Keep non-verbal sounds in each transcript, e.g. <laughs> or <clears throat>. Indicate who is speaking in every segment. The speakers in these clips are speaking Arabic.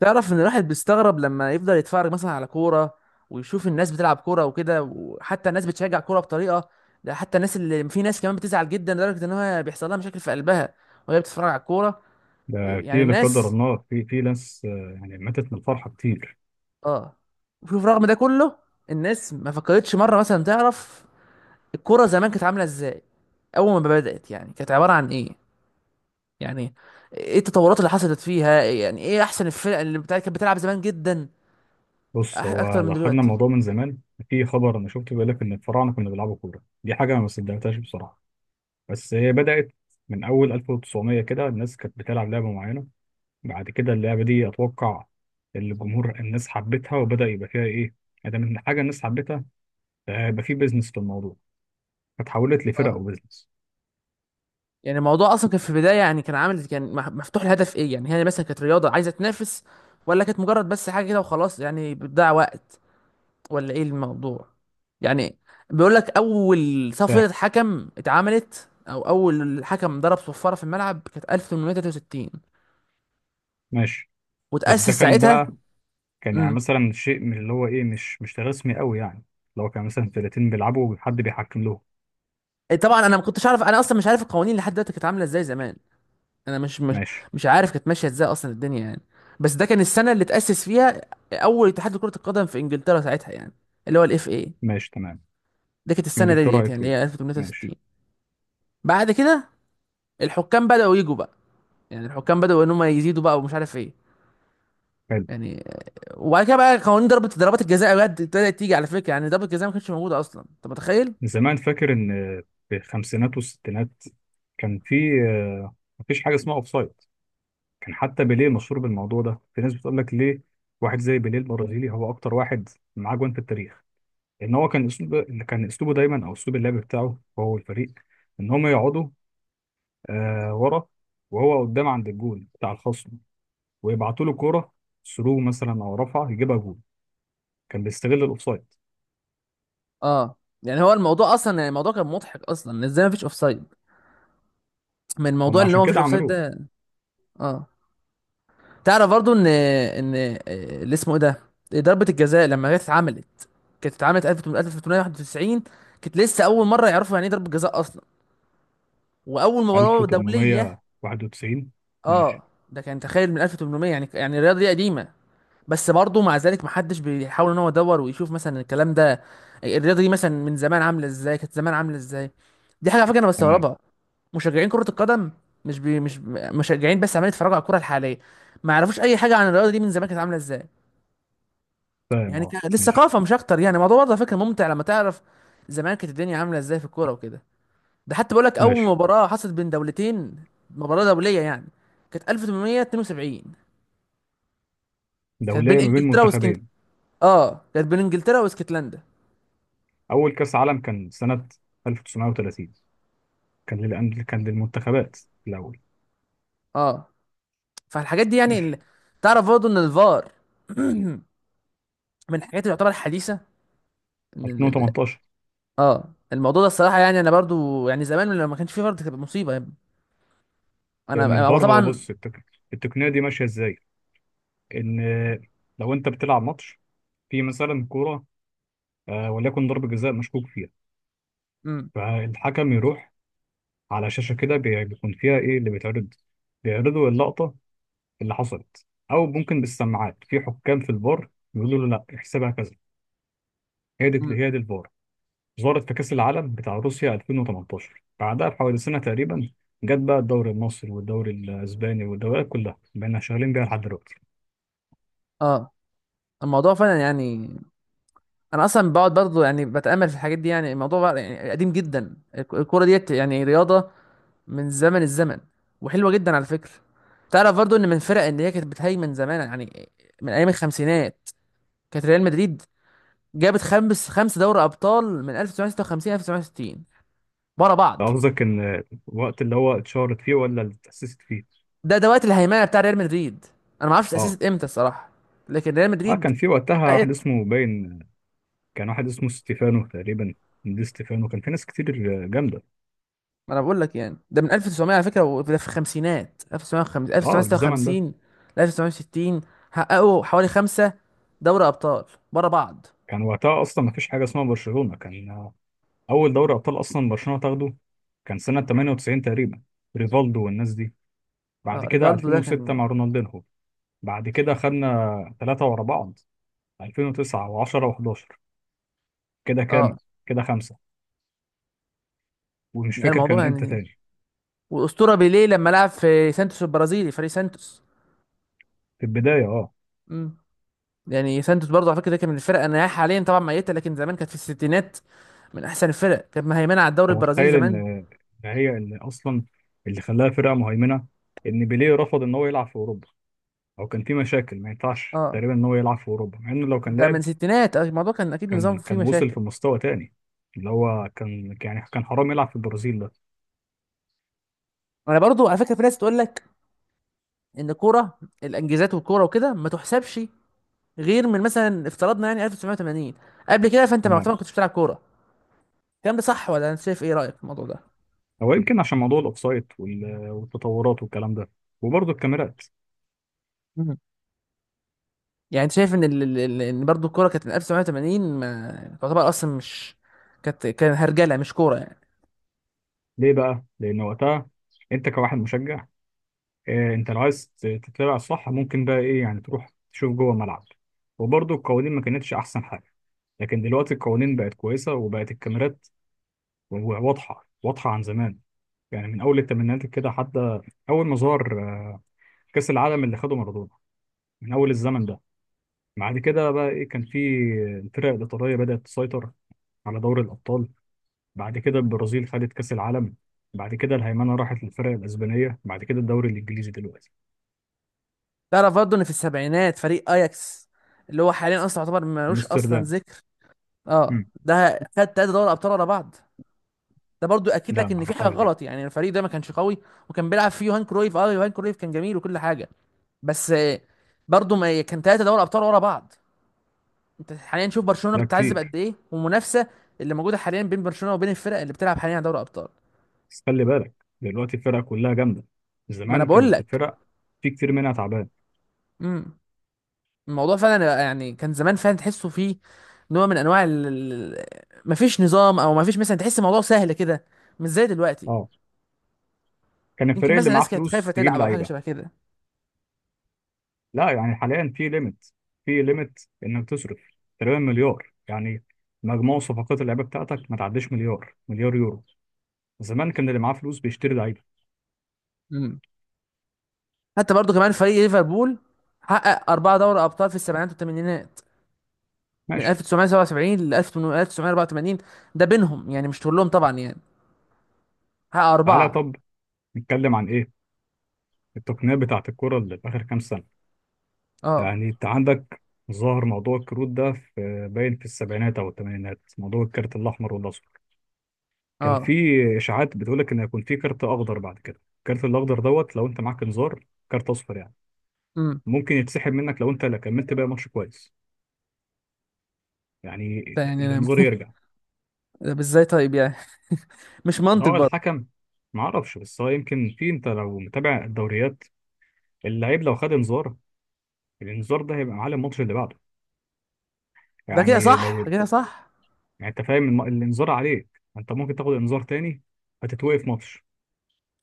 Speaker 1: تعرف ان الواحد بيستغرب لما يفضل يتفرج مثلا على كوره، ويشوف الناس بتلعب كوره وكده، وحتى الناس بتشجع كوره بطريقه. ده حتى الناس اللي في ناس كمان بتزعل جدا لدرجه ان هو بيحصل لها مشاكل في قلبها وهي بتتفرج على الكوره.
Speaker 2: ده
Speaker 1: يعني
Speaker 2: في لا قدر
Speaker 1: الناس
Speaker 2: الله في ناس. يعني ماتت من الفرحة كتير.
Speaker 1: اه. وشوف رغم ده كله الناس ما فكرتش مره مثلا تعرف الكوره زمان كانت عامله ازاي، اول ما بدات يعني كانت عباره عن ايه، يعني ايه التطورات اللي حصلت فيها، يعني ايه احسن الفرق كانت بتلعب زمان جدا
Speaker 2: بص، هو
Speaker 1: اكتر من
Speaker 2: لو خدنا
Speaker 1: دلوقتي.
Speaker 2: الموضوع من زمان، في خبر أنا شفته بيقول لك إن الفراعنة كانوا بيلعبوا كورة. دي حاجة أنا ما صدقتهاش بصراحة. بس هي بدأت من أول 1900، كده الناس كانت بتلعب لعبة معينة. بعد كده اللعبة دي أتوقع الجمهور، الناس حبتها وبدأ يبقى فيها إيه؟ ادام إن حاجة الناس حبتها، يبقى في بيزنس في الموضوع، فتحولت لفرق
Speaker 1: اه
Speaker 2: وبيزنس.
Speaker 1: يعني الموضوع اصلا كان في البدايه يعني كان عامل كان مفتوح الهدف ايه، يعني هي مثلا كانت رياضه عايزه تنافس، ولا كانت مجرد بس حاجه كده وخلاص يعني بتضيع وقت، ولا ايه الموضوع. يعني بيقول لك اول
Speaker 2: فاهم.
Speaker 1: صفره حكم اتعملت او اول حكم ضرب صفاره في الملعب كانت 1863،
Speaker 2: ماشي. بس
Speaker 1: وتاسس ساعتها.
Speaker 2: ده كان يعني
Speaker 1: امم
Speaker 2: مثلا شيء من اللي هو ايه، مش رسمي قوي يعني. لو كان مثلا فرقتين بيلعبوا وحد بيحكم لهم.
Speaker 1: طبعا انا ما كنتش عارف، انا اصلا مش عارف القوانين لحد دلوقتي كانت عامله ازاي زمان. انا مش
Speaker 2: ماشي.
Speaker 1: مش عارف كانت ماشيه ازاي اصلا الدنيا يعني. بس ده كان السنه اللي تاسس فيها اول اتحاد لكره القدم في انجلترا ساعتها يعني، اللي هو الاف اي.
Speaker 2: ماشي، تمام.
Speaker 1: ده كانت السنه
Speaker 2: انجلترا
Speaker 1: ديت
Speaker 2: ايه
Speaker 1: يعني اللي
Speaker 2: فين؟
Speaker 1: هي 1863.
Speaker 2: ماشي.
Speaker 1: بعد كده الحكام بداوا يجوا بقى، يعني الحكام بداوا ان هم يزيدوا بقى ومش عارف ايه
Speaker 2: حلو.
Speaker 1: يعني. وبعد كده بقى قوانين ضربات الجزاء بجد ابتدت تيجي. على فكره يعني ضربة الجزاء ما كانتش موجوده اصلا، انت متخيل؟
Speaker 2: زمان فاكر ان في الخمسينات والستينات كان في مفيش حاجه اسمها اوفسايد. كان حتى بيليه مشهور بالموضوع ده، في ناس بتقول لك ليه. واحد زي بيليه البرازيلي هو اكتر واحد معاه جوان في التاريخ، ان هو كان اسلوب، اللي كان اسلوبه دايما او اسلوب اللعب بتاعه هو والفريق، ان هم يقعدوا ورا، وهو قدام عند الجول بتاع الخصم، ويبعتوا له كوره ثرو مثلا او رفعه يجيبها جول. كان بيستغل الاوفسايد.
Speaker 1: اه يعني هو الموضوع اصلا يعني الموضوع كان مضحك اصلا ازاي ما فيش اوفسايد، من
Speaker 2: هم
Speaker 1: الموضوع اللي هو
Speaker 2: عشان
Speaker 1: ما فيش
Speaker 2: كده
Speaker 1: اوفسايد
Speaker 2: عملوه.
Speaker 1: ده. اه تعرف برضو ان اللي اسمه ايه ده، ضربة الجزاء لما جت اتعملت كانت اتعملت 1891، كانت لسه اول مرة يعرفوا يعني ايه ضربة جزاء اصلا، واول مباراة دولية.
Speaker 2: 1891.
Speaker 1: اه
Speaker 2: ماشي،
Speaker 1: ده كان تخيل من 1800، يعني يعني الرياضة دي قديمة. بس برضو مع ذلك محدش بيحاول ان هو يدور ويشوف مثلا الكلام ده، الرياضة دي مثلا من زمان عاملة ازاي، كانت زمان عاملة ازاي. دي حاجة على فكرة انا
Speaker 2: تمام.
Speaker 1: بستغربها. مشجعين كرة القدم مش بي مش مشجعين بس عمالين يتفرجوا على الكرة الحالية، ما يعرفوش اي حاجة عن الرياضة دي من زمان كانت عاملة ازاي.
Speaker 2: فاهم.
Speaker 1: يعني
Speaker 2: اه ماشي.
Speaker 1: للثقافه مش اكتر. يعني الموضوع برضه على فكره ممتع لما تعرف زمان كانت الدنيا عامله ازاي في الكوره وكده. ده حتى بقول لك اول
Speaker 2: ماشي،
Speaker 1: مباراه حصلت بين دولتين، مباراه دوليه يعني، كانت 1872، كانت بين
Speaker 2: دولية، ما بين
Speaker 1: انجلترا
Speaker 2: منتخبين.
Speaker 1: اه كانت بين انجلترا واسكتلندا.
Speaker 2: اول كاس عالم كان سنة 1930، كان للمنتخبات الاول.
Speaker 1: اه فالحاجات دي يعني
Speaker 2: ماشي.
Speaker 1: ال... تعرف برضه ان الفار <clears throat> من الحاجات اللي تعتبر حديثه. ان
Speaker 2: 2018.
Speaker 1: اه الموضوع ده الصراحه يعني انا برضو يعني زمان لما ما كانش فيه فار دي كانت مصيبه يا ابني.
Speaker 2: لان
Speaker 1: انا هو
Speaker 2: الفار، هو
Speaker 1: طبعا.
Speaker 2: بص، التقنية دي ماشية ازاي؟ ان لو انت بتلعب ماتش، في مثلا كورة، وليكن ضربة جزاء مشكوك فيها،
Speaker 1: مم.
Speaker 2: فالحكم يروح على شاشة كده، بيكون فيها إيه اللي بيتعرض. بيعرضوا اللقطة اللي حصلت، أو ممكن بالسماعات في حكام في الفار بيقولوا له لا، احسبها كذا. هي دي
Speaker 1: مم.
Speaker 2: هي دي الفار. ظهرت في كأس العالم بتاع روسيا 2018، بعدها بحوالي سنة تقريبا جت بقى الدوري المصري والدوري الأسباني والدوريات كلها، بقينا شغالين بيها لحد دلوقتي.
Speaker 1: اه الموضوع فعلا يعني انا اصلا بقعد برضه يعني بتامل في الحاجات دي. يعني الموضوع بقى يعني قديم جدا، الكوره ديت يعني رياضه من زمن الزمن، وحلوه جدا على فكره. تعرف برضه ان من الفرق اللي هي كانت بتهيمن زمان، يعني من ايام الخمسينات كانت ريال مدريد، جابت خمس دوري ابطال من 1956 1960 ورا بعض.
Speaker 2: قصدك إن الوقت اللي هو اتشهرت فيه ولا اللي اتأسست فيه؟
Speaker 1: ده ده وقت الهيمنه بتاع ريال مدريد. انا ما اعرفش
Speaker 2: آه.
Speaker 1: اتاسست امتى الصراحه، لكن ريال
Speaker 2: اه
Speaker 1: مدريد،
Speaker 2: كان في وقتها واحد اسمه باين، كان واحد اسمه ستيفانو تقريبا. دي ستيفانو، كان في ناس كتير جامدة.
Speaker 1: ما انا بقول لك يعني ده من 1900 على فكره، وده في الخمسينات 1950
Speaker 2: اه، الزمن ده
Speaker 1: 1956 ل 1960 حققوا حوالي خمسه دوري ابطال ورا بعض.
Speaker 2: كان وقتها اصلا ما فيش حاجه اسمها برشلونه. كان اول دوري ابطال اصلا برشلونه تاخده كان سنه 98 تقريبا، ريفالدو والناس دي. بعد
Speaker 1: اه
Speaker 2: كده
Speaker 1: ريفالدو ده
Speaker 2: 2006
Speaker 1: كان.
Speaker 2: مع رونالدينهو. بعد كده خدنا ثلاثه ورا بعض، 2009 و10 و11. كده كام؟
Speaker 1: اه
Speaker 2: كده خمسه. ومش فاكر
Speaker 1: الموضوع
Speaker 2: كان امتى
Speaker 1: يعني
Speaker 2: تاني.
Speaker 1: والاسطوره بيليه لما لعب في سانتوس البرازيلي فريق سانتوس.
Speaker 2: في البدايه، اه.
Speaker 1: امم يعني سانتوس برضه على فكره ده كان من الفرق، انا حاليا طبعا ميته، لكن زمان كانت في الستينات من احسن الفرق، كانت مهيمنه على الدوري
Speaker 2: انت
Speaker 1: البرازيلي
Speaker 2: متخيل ان
Speaker 1: زمان.
Speaker 2: ان هي اللي اصلا، اللي خلاها فرقه مهيمنه، ان بيليه رفض ان هو يلعب في اوروبا؟ او كان في مشاكل ما ينفعش
Speaker 1: اه
Speaker 2: تقريبا ان هو يلعب في اوروبا، مع انه لو كان
Speaker 1: ده من
Speaker 2: لعب،
Speaker 1: الستينات. الموضوع كان اكيد نظام
Speaker 2: كان
Speaker 1: فيه
Speaker 2: كان وصل
Speaker 1: مشاكل.
Speaker 2: في مستوى تاني، اللي هو كان يعني كان حرام يلعب في البرازيل ده.
Speaker 1: انا برضو على فكره في ناس تقول لك ان الكوره الانجازات والكوره وكده ما تحسبش غير من مثلا افترضنا يعني 1980، قبل كده فانت
Speaker 2: تمام.
Speaker 1: معتبر ما كنتش بتلعب كوره. الكلام ده صح ولا انت شايف ايه رايك في الموضوع ده؟
Speaker 2: هو يمكن عشان موضوع الاوفسايد والتطورات والكلام ده، وبرضه الكاميرات.
Speaker 1: مم. يعني انت شايف ان ال... ال- ال- ان برضو الكوره كانت من 1980 ما تعتبر اصلا مش، كانت كان هرجله مش كوره يعني.
Speaker 2: ليه بقى؟ لأن وقتها أنت كواحد مشجع، أنت لو عايز تتابع صح، ممكن بقى إيه يعني؟ تروح تشوف جوه الملعب. وبرضه القوانين ما كانتش أحسن حاجة، لكن دلوقتي القوانين بقت كويسة، وبقت الكاميرات واضحة، واضحة عن زمان. يعني من أول الثمانينات كده، حتى أول ما ظهر كأس العالم اللي خده مارادونا، من أول الزمن ده. بعد كده بقى ايه، كان في الفرق الايطاليه بدات تسيطر على دوري الابطال. بعد كده البرازيل خدت كاس العالم. بعد كده الهيمنه راحت للفرق الاسبانيه. بعد كده الدوري الانجليزي دلوقتي.
Speaker 1: تعرف برضو ان في السبعينات فريق اياكس، اللي هو حاليا اصلا يعتبر ملوش اصلا
Speaker 2: امستردام.
Speaker 1: ذكر، اه
Speaker 2: مم.
Speaker 1: ده خد تلاته دوري ابطال ورا بعض. ده برضو اكيد
Speaker 2: لا،
Speaker 1: لك
Speaker 2: ما
Speaker 1: ان في حاجه
Speaker 2: اعرفهاش دي.
Speaker 1: غلط يعني، الفريق ده ما كانش قوي، وكان بيلعب فيه يوهان كرويف. اه يوهان كرويف كان جميل وكل حاجه، بس برضه ما كان ثلاثه دوري ابطال ورا بعض. انت حاليا شوف برشلونه
Speaker 2: لا،
Speaker 1: بتتعذب
Speaker 2: كتير.
Speaker 1: قد ايه، والمنافسه اللي موجوده حاليا بين برشلونه وبين الفرق اللي بتلعب حاليا على دوري ابطال.
Speaker 2: بس خلي بالك، دلوقتي الفرق كلها جامده،
Speaker 1: ما انا
Speaker 2: زمان
Speaker 1: بقول
Speaker 2: كانت
Speaker 1: لك.
Speaker 2: الفرق في كتير منها تعبان.
Speaker 1: امم. الموضوع فعلا يعني كان زمان فعلا تحسه فيه نوع من انواع مفيش نظام، او مفيش مثلا، تحس الموضوع سهل كده مش زي دلوقتي.
Speaker 2: اه كان
Speaker 1: يمكن
Speaker 2: الفريق
Speaker 1: مثلا
Speaker 2: اللي معاه
Speaker 1: الناس كانت خايفه
Speaker 2: فلوس تجيب
Speaker 1: تلعب او حاجه
Speaker 2: لعيبه.
Speaker 1: شبه كده.
Speaker 2: لا، يعني حاليا في ليميت انك تصرف تقريبا مليار يعني. مجموع صفقات اللعيبه بتاعتك ما تعديش مليار، مليار يورو. زمان كان اللي معاه فلوس بيشتري لعيبه.
Speaker 1: امم. حتى برضه كمان فريق ليفربول حقق اربعه دوري ابطال في السبعينات والثمانينات، من
Speaker 2: ماشي.
Speaker 1: 1977 ل 1984. ده بينهم يعني مش كلهم طبعا يعني. ها
Speaker 2: تعالى
Speaker 1: أربعة.
Speaker 2: طب، نتكلم عن ايه؟ التقنيه بتاعه الكره اللي في اخر كام سنه.
Speaker 1: اه.
Speaker 2: يعني انت عندك، ظهر موضوع الكروت ده في باين في السبعينات او الثمانينات، موضوع الكارت الاحمر والاصفر. كان في
Speaker 1: اه.
Speaker 2: اشاعات بتقول لك ان هيكون في كارت اخضر، بعد كده الكارت الاخضر دوت. لو انت معاك انذار كارت اصفر يعني،
Speaker 1: امم.
Speaker 2: ممكن يتسحب منك لو انت لا كملت بقى ماتش كويس يعني،
Speaker 1: ده يعني أنا.
Speaker 2: الانذار يرجع.
Speaker 1: <laughs> طب ازاي طيب يعني، مش منطق
Speaker 2: لو
Speaker 1: برضه.
Speaker 2: الحكم، ما اعرفش، بس هو يمكن في، انت لو متابع الدوريات، اللعيب لو خد انذار، الانذار ده هيبقى على الماتش اللي بعده.
Speaker 1: ده كده
Speaker 2: يعني
Speaker 1: صح
Speaker 2: لو
Speaker 1: كده صح.
Speaker 2: يعني انت فاهم، الانذار عليك، انت ممكن تاخد انذار تاني، هتتوقف ماتش.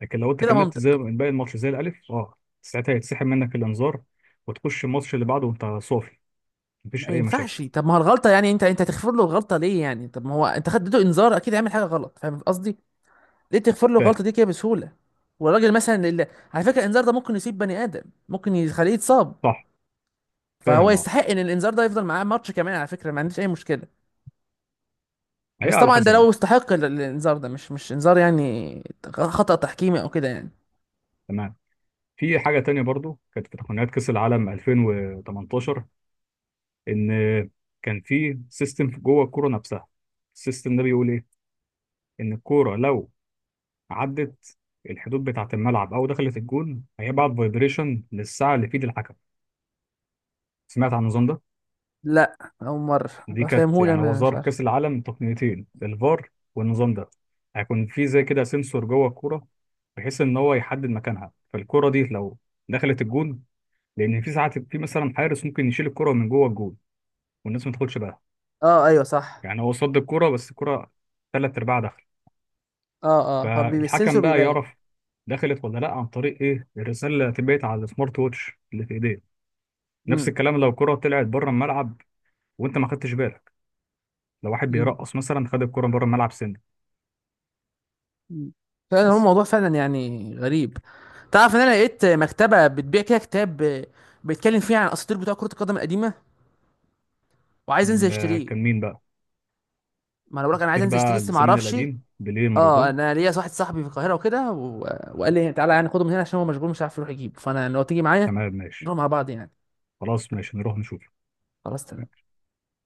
Speaker 2: لكن لو انت
Speaker 1: كده
Speaker 2: كملت زي
Speaker 1: منطق.
Speaker 2: باقي الماتش زي الالف، ساعتها هيتسحب منك الانذار، وتخش الماتش اللي بعده وانت صافي،
Speaker 1: ما
Speaker 2: مفيش اي
Speaker 1: ينفعش،
Speaker 2: مشاكل.
Speaker 1: طب ما هو الغلطة يعني، انت تغفر له الغلطة ليه يعني؟ طب ما هو انت خدته انذار اكيد هيعمل حاجة غلط، فاهم قصدي؟ ليه تغفر له
Speaker 2: فاهم.
Speaker 1: الغلطة دي كده بسهولة؟ والراجل مثلا اللي... على فكرة الانذار ده ممكن يصيب بني آدم، ممكن يخليه يتصاب،
Speaker 2: صح.
Speaker 1: فهو
Speaker 2: فاهم. اه
Speaker 1: يستحق ان الانذار ده يفضل معاه ماتش كمان. على فكرة ما عنديش اي مشكلة،
Speaker 2: هي
Speaker 1: بس
Speaker 2: على
Speaker 1: طبعا ده
Speaker 2: حسب
Speaker 1: لو
Speaker 2: بقى.
Speaker 1: استحق الانذار، ده مش مش انذار يعني، خطأ تحكيمي او كده يعني.
Speaker 2: تمام. في حاجه تانية برضو كانت في تقنيات كاس العالم 2018، ان كان في سيستم جوه الكوره نفسها. السيستم ده بيقول ايه؟ ان الكوره لو عدت الحدود بتاعة الملعب، أو دخلت الجون، هيبعت فايبريشن للساعة اللي في إيد الحكم. سمعت عن النظام ده؟
Speaker 1: لا اول مره.
Speaker 2: دي كانت،
Speaker 1: فاهمهولي
Speaker 2: يعني هو
Speaker 1: انا مش
Speaker 2: ظهر في
Speaker 1: عارف.
Speaker 2: كأس العالم تقنيتين، الفار والنظام ده. هيكون في زي كده سنسور جوه الكورة، بحيث إن هو يحدد مكانها. فالكورة دي لو دخلت الجون، لأن في ساعات في مثلا حارس ممكن يشيل الكورة من جوه الجون والناس ما تاخدش بالها.
Speaker 1: اه ايوه صح.
Speaker 2: يعني هو صد الكورة، بس الكورة تلات أرباع دخل.
Speaker 1: اه اه
Speaker 2: فالحكم
Speaker 1: فالسنسور
Speaker 2: بقى
Speaker 1: بيبين.
Speaker 2: يعرف دخلت ولا لا عن طريق ايه؟ الرساله اللي هتبعت على السمارت ووتش اللي في ايديه. نفس
Speaker 1: امم.
Speaker 2: الكلام لو الكرة طلعت بره الملعب، وانت ما خدتش بالك، لو واحد
Speaker 1: امم.
Speaker 2: بيرقص مثلا خد الكرة بره الملعب سنة.
Speaker 1: أمم. فعلا هو
Speaker 2: بس
Speaker 1: الموضوع فعلا يعني غريب. تعرف ان انا لقيت مكتبه بتبيع كده كتاب بيتكلم فيه عن الاساطير بتوع كره القدم القديمه، وعايز انزل
Speaker 2: ده
Speaker 1: اشتريه.
Speaker 2: كان مين بقى؟
Speaker 1: ما انا بقولك انا عايز
Speaker 2: عصافير
Speaker 1: انزل اشتريه
Speaker 2: بقى
Speaker 1: بس ما
Speaker 2: الزمن
Speaker 1: اعرفش.
Speaker 2: القديم، بيليه،
Speaker 1: اه
Speaker 2: مارادونا.
Speaker 1: انا ليا واحد صاحبي في القاهره وكده و... وقال لي تعالى يعني خده من هنا عشان هو مشغول مش عارف يروح يجيب، فانا لو تيجي معايا
Speaker 2: تمام ماشي.
Speaker 1: نروح مع بعض يعني.
Speaker 2: خلاص ماشي، نروح نشوف.
Speaker 1: خلاص تمام.